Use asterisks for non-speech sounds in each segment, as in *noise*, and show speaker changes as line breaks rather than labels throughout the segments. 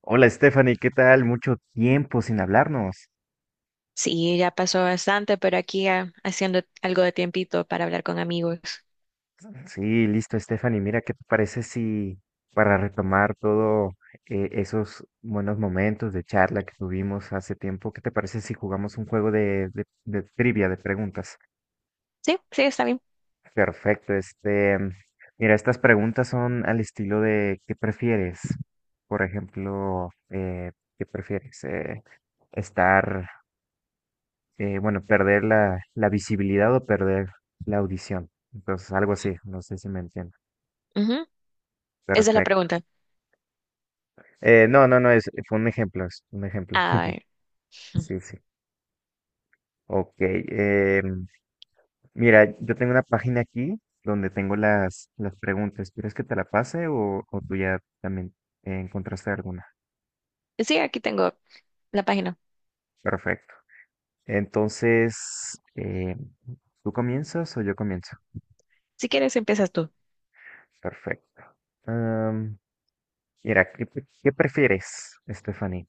Hola Stephanie, ¿qué tal? Mucho tiempo sin hablarnos.
Sí, ya pasó bastante, pero aquí haciendo algo de tiempito para hablar con amigos.
Sí, listo Stephanie, mira, ¿qué te parece si para retomar todo esos buenos momentos de charla que tuvimos hace tiempo? ¿Qué te parece si jugamos un juego de trivia, de preguntas?
Sí, sí, está bien.
Perfecto, mira, estas preguntas son al estilo de ¿qué prefieres? Por ejemplo, ¿qué prefieres? Estar bueno, perder la visibilidad o perder la audición. Entonces, algo así, no sé si me entiendo.
Ujú. Esa es la
Perfecto.
pregunta.
No, no, no, es, Fue un ejemplo, es un ejemplo.
A
*laughs*
ver.
Sí, sí. Ok. Mira, yo tengo una página aquí donde tengo las preguntas. ¿Quieres que te la pase o tú ya también encontraste alguna?
Sí, aquí tengo la página.
Perfecto. Entonces, ¿tú comienzas o yo comienzo?
Si quieres, empiezas tú.
Perfecto. Am, Mira, ¿qué prefieres, Stephanie?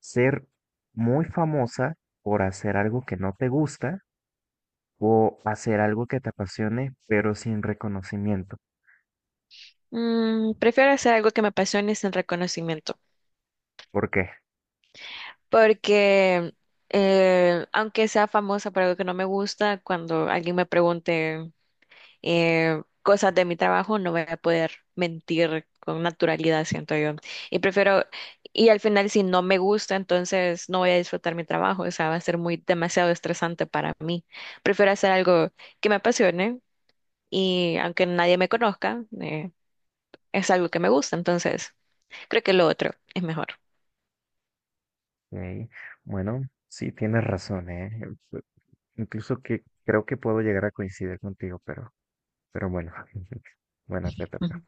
Ser muy famosa por hacer algo que no te gusta o hacer algo que te apasione, pero sin reconocimiento.
Prefiero hacer algo que me apasione sin reconocimiento,
¿Por qué?
porque aunque sea famosa por algo que no me gusta, cuando alguien me pregunte cosas de mi trabajo, no voy a poder mentir con naturalidad, siento yo. Y prefiero, y al final si no me gusta, entonces no voy a disfrutar mi trabajo, o sea, va a ser muy demasiado estresante para mí. Prefiero hacer algo que me apasione y aunque nadie me conozca, es algo que me gusta, entonces creo que lo otro es mejor.
Eh, Bueno, sí, tienes razón, ¿eh? Pu- Incluso que creo que puedo llegar a coincidir contigo, pero bueno, *laughs* bueno, te
Ujú.
toca.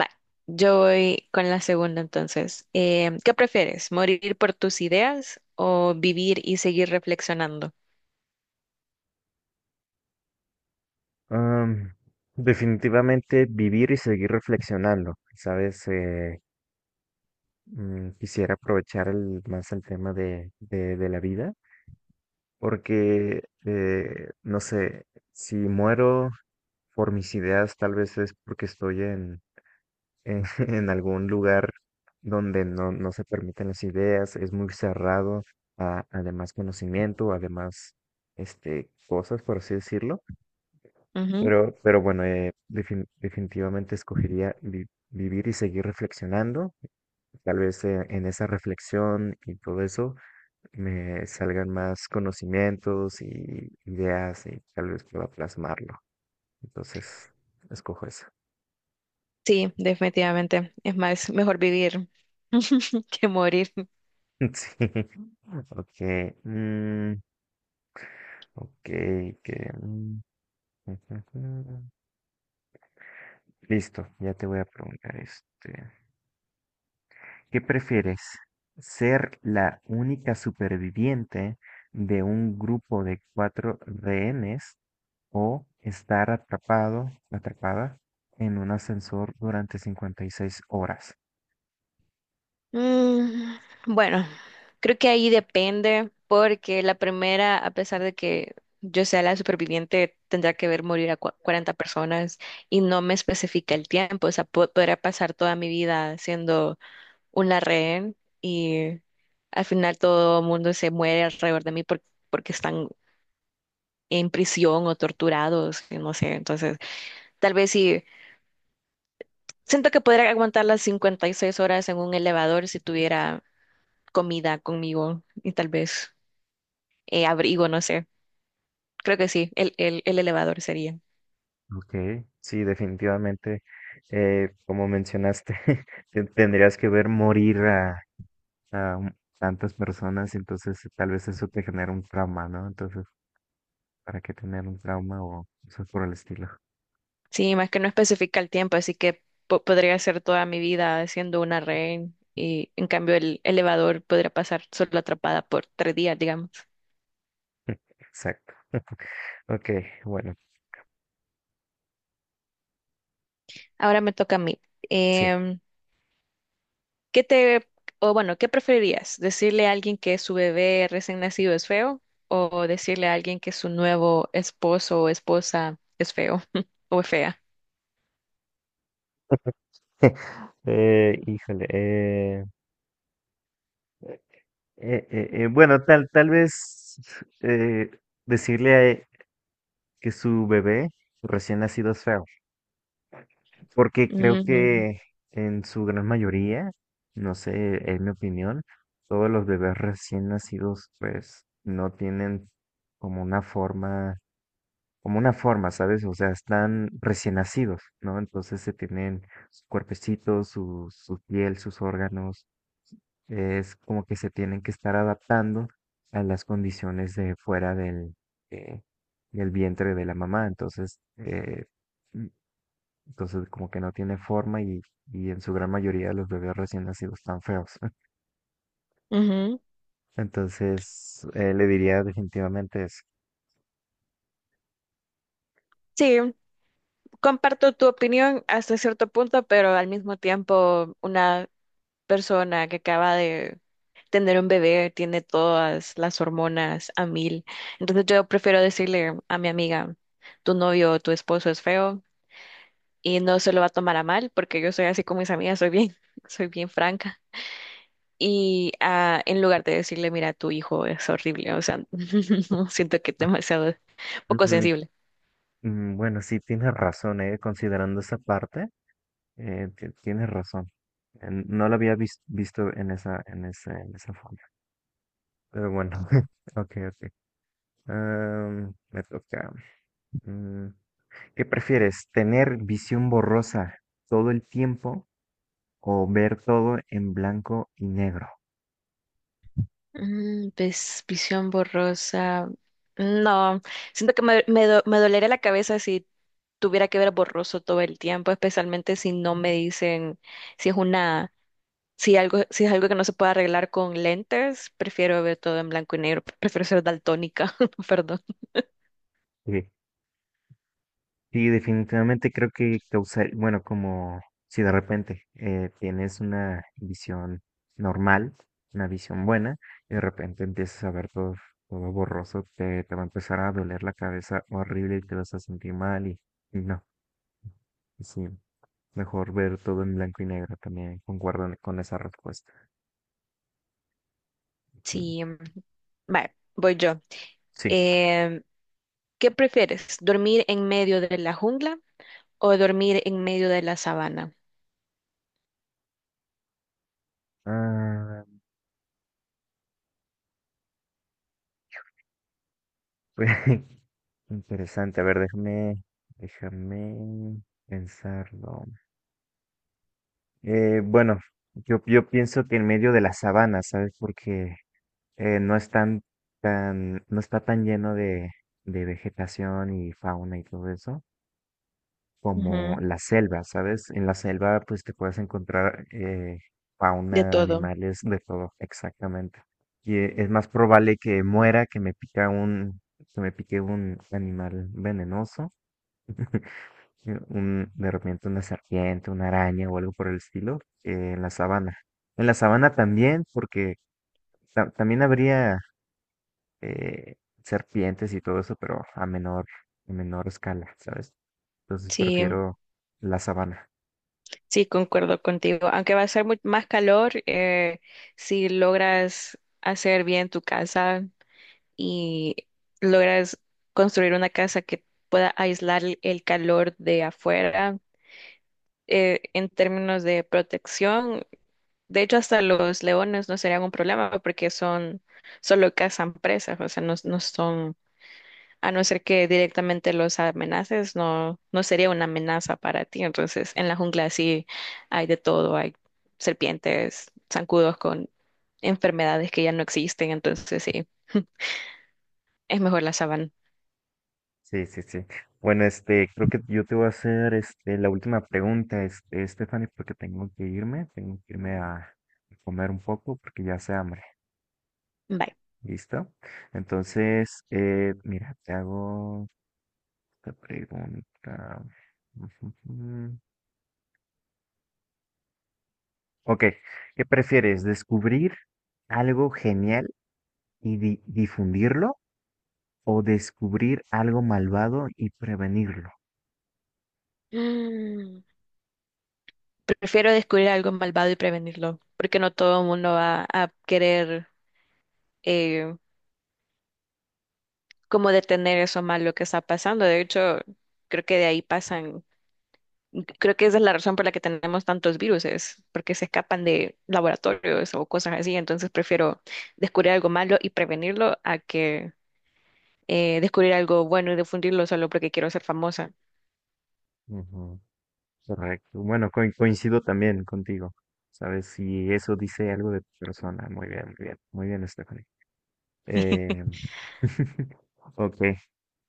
Va, yo voy con la segunda entonces. ¿Qué prefieres? ¿Morir por tus ideas o vivir y seguir reflexionando?
Am, Definitivamente vivir y seguir reflexionando, ¿sabes? Quisiera aprovechar más el tema de, de la vida. Porque, no sé, si muero por mis ideas, tal vez es porque estoy *laughs* en algún lugar donde no se permiten las ideas, es muy cerrado a, además conocimiento, además cosas, por así decirlo. Pero bueno, definitivamente escogería vivir y seguir reflexionando. Tal vez en esa reflexión y todo eso me salgan más conocimientos y ideas y tal vez pueda plasmarlo. Entonces, escojo eso.
Sí, definitivamente. Es más, mejor vivir *laughs* que morir.
*laughs* Sí. Ok. mm, ok. *laughs* Listo, ya te voy a preguntar este. ¿Qué prefieres? ¿Ser la única superviviente de un grupo de cuatro rehenes o estar atrapada en un ascensor durante 56 horas?
Mm, bueno, creo que ahí depende, porque la primera, a pesar de que yo sea la superviviente, tendrá que ver morir a 40 personas y no me especifica el tiempo. O sea, podría pasar toda mi vida siendo una rehén y al final todo el mundo se muere alrededor de mí porque están en prisión o torturados, y no sé. Entonces, tal vez sí. Siento que podría aguantar las 56 horas en un elevador si tuviera comida conmigo y tal vez abrigo, no sé. Creo que sí, el elevador sería.
Ok, sí, definitivamente, como mencionaste, *laughs* tendrías que ver morir a tantas personas, entonces tal vez eso te genera un trauma, ¿no? Entonces, ¿para qué tener un trauma o cosas por el estilo?
Sí, más que no especifica el tiempo, así que podría ser toda mi vida siendo una rehén y en cambio el elevador podría pasar solo atrapada por 3 días, digamos.
Exacto. *laughs* Ok, bueno,
Ahora me toca a mí.
sí.
Em, ¿Qué te, o bueno, qué preferirías? ¿Decirle a alguien que su bebé recién nacido es feo o decirle a alguien que su nuevo esposo o esposa es feo *laughs* o es fea?
*laughs* Híjole. Bueno, tal vez eh, decirle a que su bebé recién nacido es feo, porque creo
Ujú,
que en su gran mayoría, no sé, en mi opinión, todos los bebés recién nacidos pues no tienen como una forma como una forma, ¿sabes? O sea, están recién nacidos, ¿no? Entonces se tienen sus cuerpecitos, su piel, sus órganos, es como que se tienen que estar adaptando a las condiciones de fuera del, eh, del vientre de la mamá, entonces, mm, entonces como que no tiene forma y en su gran mayoría los bebés recién nacidos están feos. *laughs*
ujú.
Entonces, le diría definitivamente eso.
Sí, comparto tu opinión hasta cierto punto, pero al mismo tiempo una persona que acaba de tener un bebé tiene todas las hormonas a mil. Entonces yo prefiero decirle a mi amiga, tu novio o tu esposo es feo y no se lo va a tomar a mal, porque yo soy así con mis amigas, soy bien, *laughs* soy bien franca. Y en lugar de decirle, mira, tu hijo es horrible, o sea, *laughs* no, siento que es demasiado poco
Mm,
sensible.
Bueno, sí, tienes razón, considerando esa parte, tienes razón. No lo había visto en en esa forma. Pero bueno, *laughs* ok, ok. Me toca. Mm, ¿Qué prefieres? ¿Tener visión borrosa todo el tiempo o ver todo en blanco y negro?
Visión borrosa. No, siento que me dolería la cabeza si tuviera que ver borroso todo el tiempo, especialmente si no me dicen si es una, si es algo que no se puede arreglar con lentes, prefiero ver todo en blanco y negro, prefiero ser daltónica, *laughs* perdón.
*laughs* Sí, definitivamente creo que causar, bueno, como si de repente tienes una visión normal, una visión buena, y de repente empiezas a ver todo, todo borroso, te va a empezar a doler la cabeza horrible y te vas a sentir mal y no, sí, mejor ver todo en blanco y negro también, concuerdo con esa respuesta. Ujú.
Sí, mm, vale, voy yo.
Sí.
Em, ¿Qué prefieres? ¿Dormir en medio de la jungla o dormir en medio de la sabana?
Ah, *laughs* pues, interesante, a ver, déjame, déjame pensarlo. Bueno, yo pienso que en medio de la sabana, ¿sabes? Porque no es tan, tan, no está tan lleno de vegetación y fauna y todo eso como
Ujú,
la selva, ¿sabes? En la selva pues te puedes encontrar
de
fauna,
todo.
animales, de todo, exactamente. Y es más probable que muera que me que me pique un animal venenoso *laughs* sí, un, de repente una serpiente, una araña o algo por el estilo en la sabana. En la sabana también, porque también habría eh, serpientes y todo eso, pero a menor escala, ¿sabes? Entonces
Sí,
prefiero la sabana.
sí, concuerdo contigo. Aunque va a ser más calor, si logras hacer bien tu casa y logras construir una casa que pueda aislar el calor de afuera, en términos de protección, de hecho, hasta los leones no serían un problema porque son solo cazan presas, o sea, no, no son, a no ser que directamente los amenaces, no, no sería una amenaza para ti. Entonces, en la jungla sí hay de todo, hay serpientes, zancudos con enfermedades que ya no existen, entonces sí, *laughs* es mejor la sabana.
Sí, sí, sí. Bueno, este, creo que yo te voy a hacer este, la última pregunta, este, Stephanie, porque tengo que irme a comer un poco porque ya hace hambre.
Bye.
¿Listo? Entonces, mira, te hago esta pregunta. *laughs* Ok, ¿qué prefieres? ¿Descubrir algo genial y difundirlo o descubrir algo malvado y prevenirlo?
Mm, Prefiero descubrir algo malvado y prevenirlo, porque no todo el mundo va a querer eh, como detener eso malo que está pasando. De hecho, creo que de ahí pasan, creo que esa es la razón por la que tenemos tantos virus, es porque se escapan de laboratorios o cosas así. Entonces prefiero descubrir algo malo y prevenirlo a que descubrir algo bueno y difundirlo solo porque quiero ser famosa.
Ujú, correcto. Bueno, coincido también contigo. ¿Sabes? Si eso dice algo de tu persona. Muy bien, muy bien. Muy bien, Stephanie. Eh, *laughs* ok,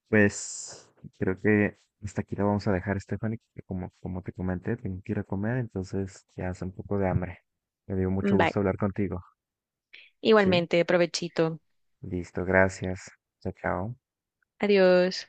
pues creo que hasta aquí lo vamos a dejar, Stephanie, que como, como te comenté, tengo que ir a comer, entonces ya hace un poco de hambre. Me dio mucho
Bye.
gusto hablar contigo, ¿sí?
Igualmente, provechito.
Listo, gracias. Chao, chao.
Adiós.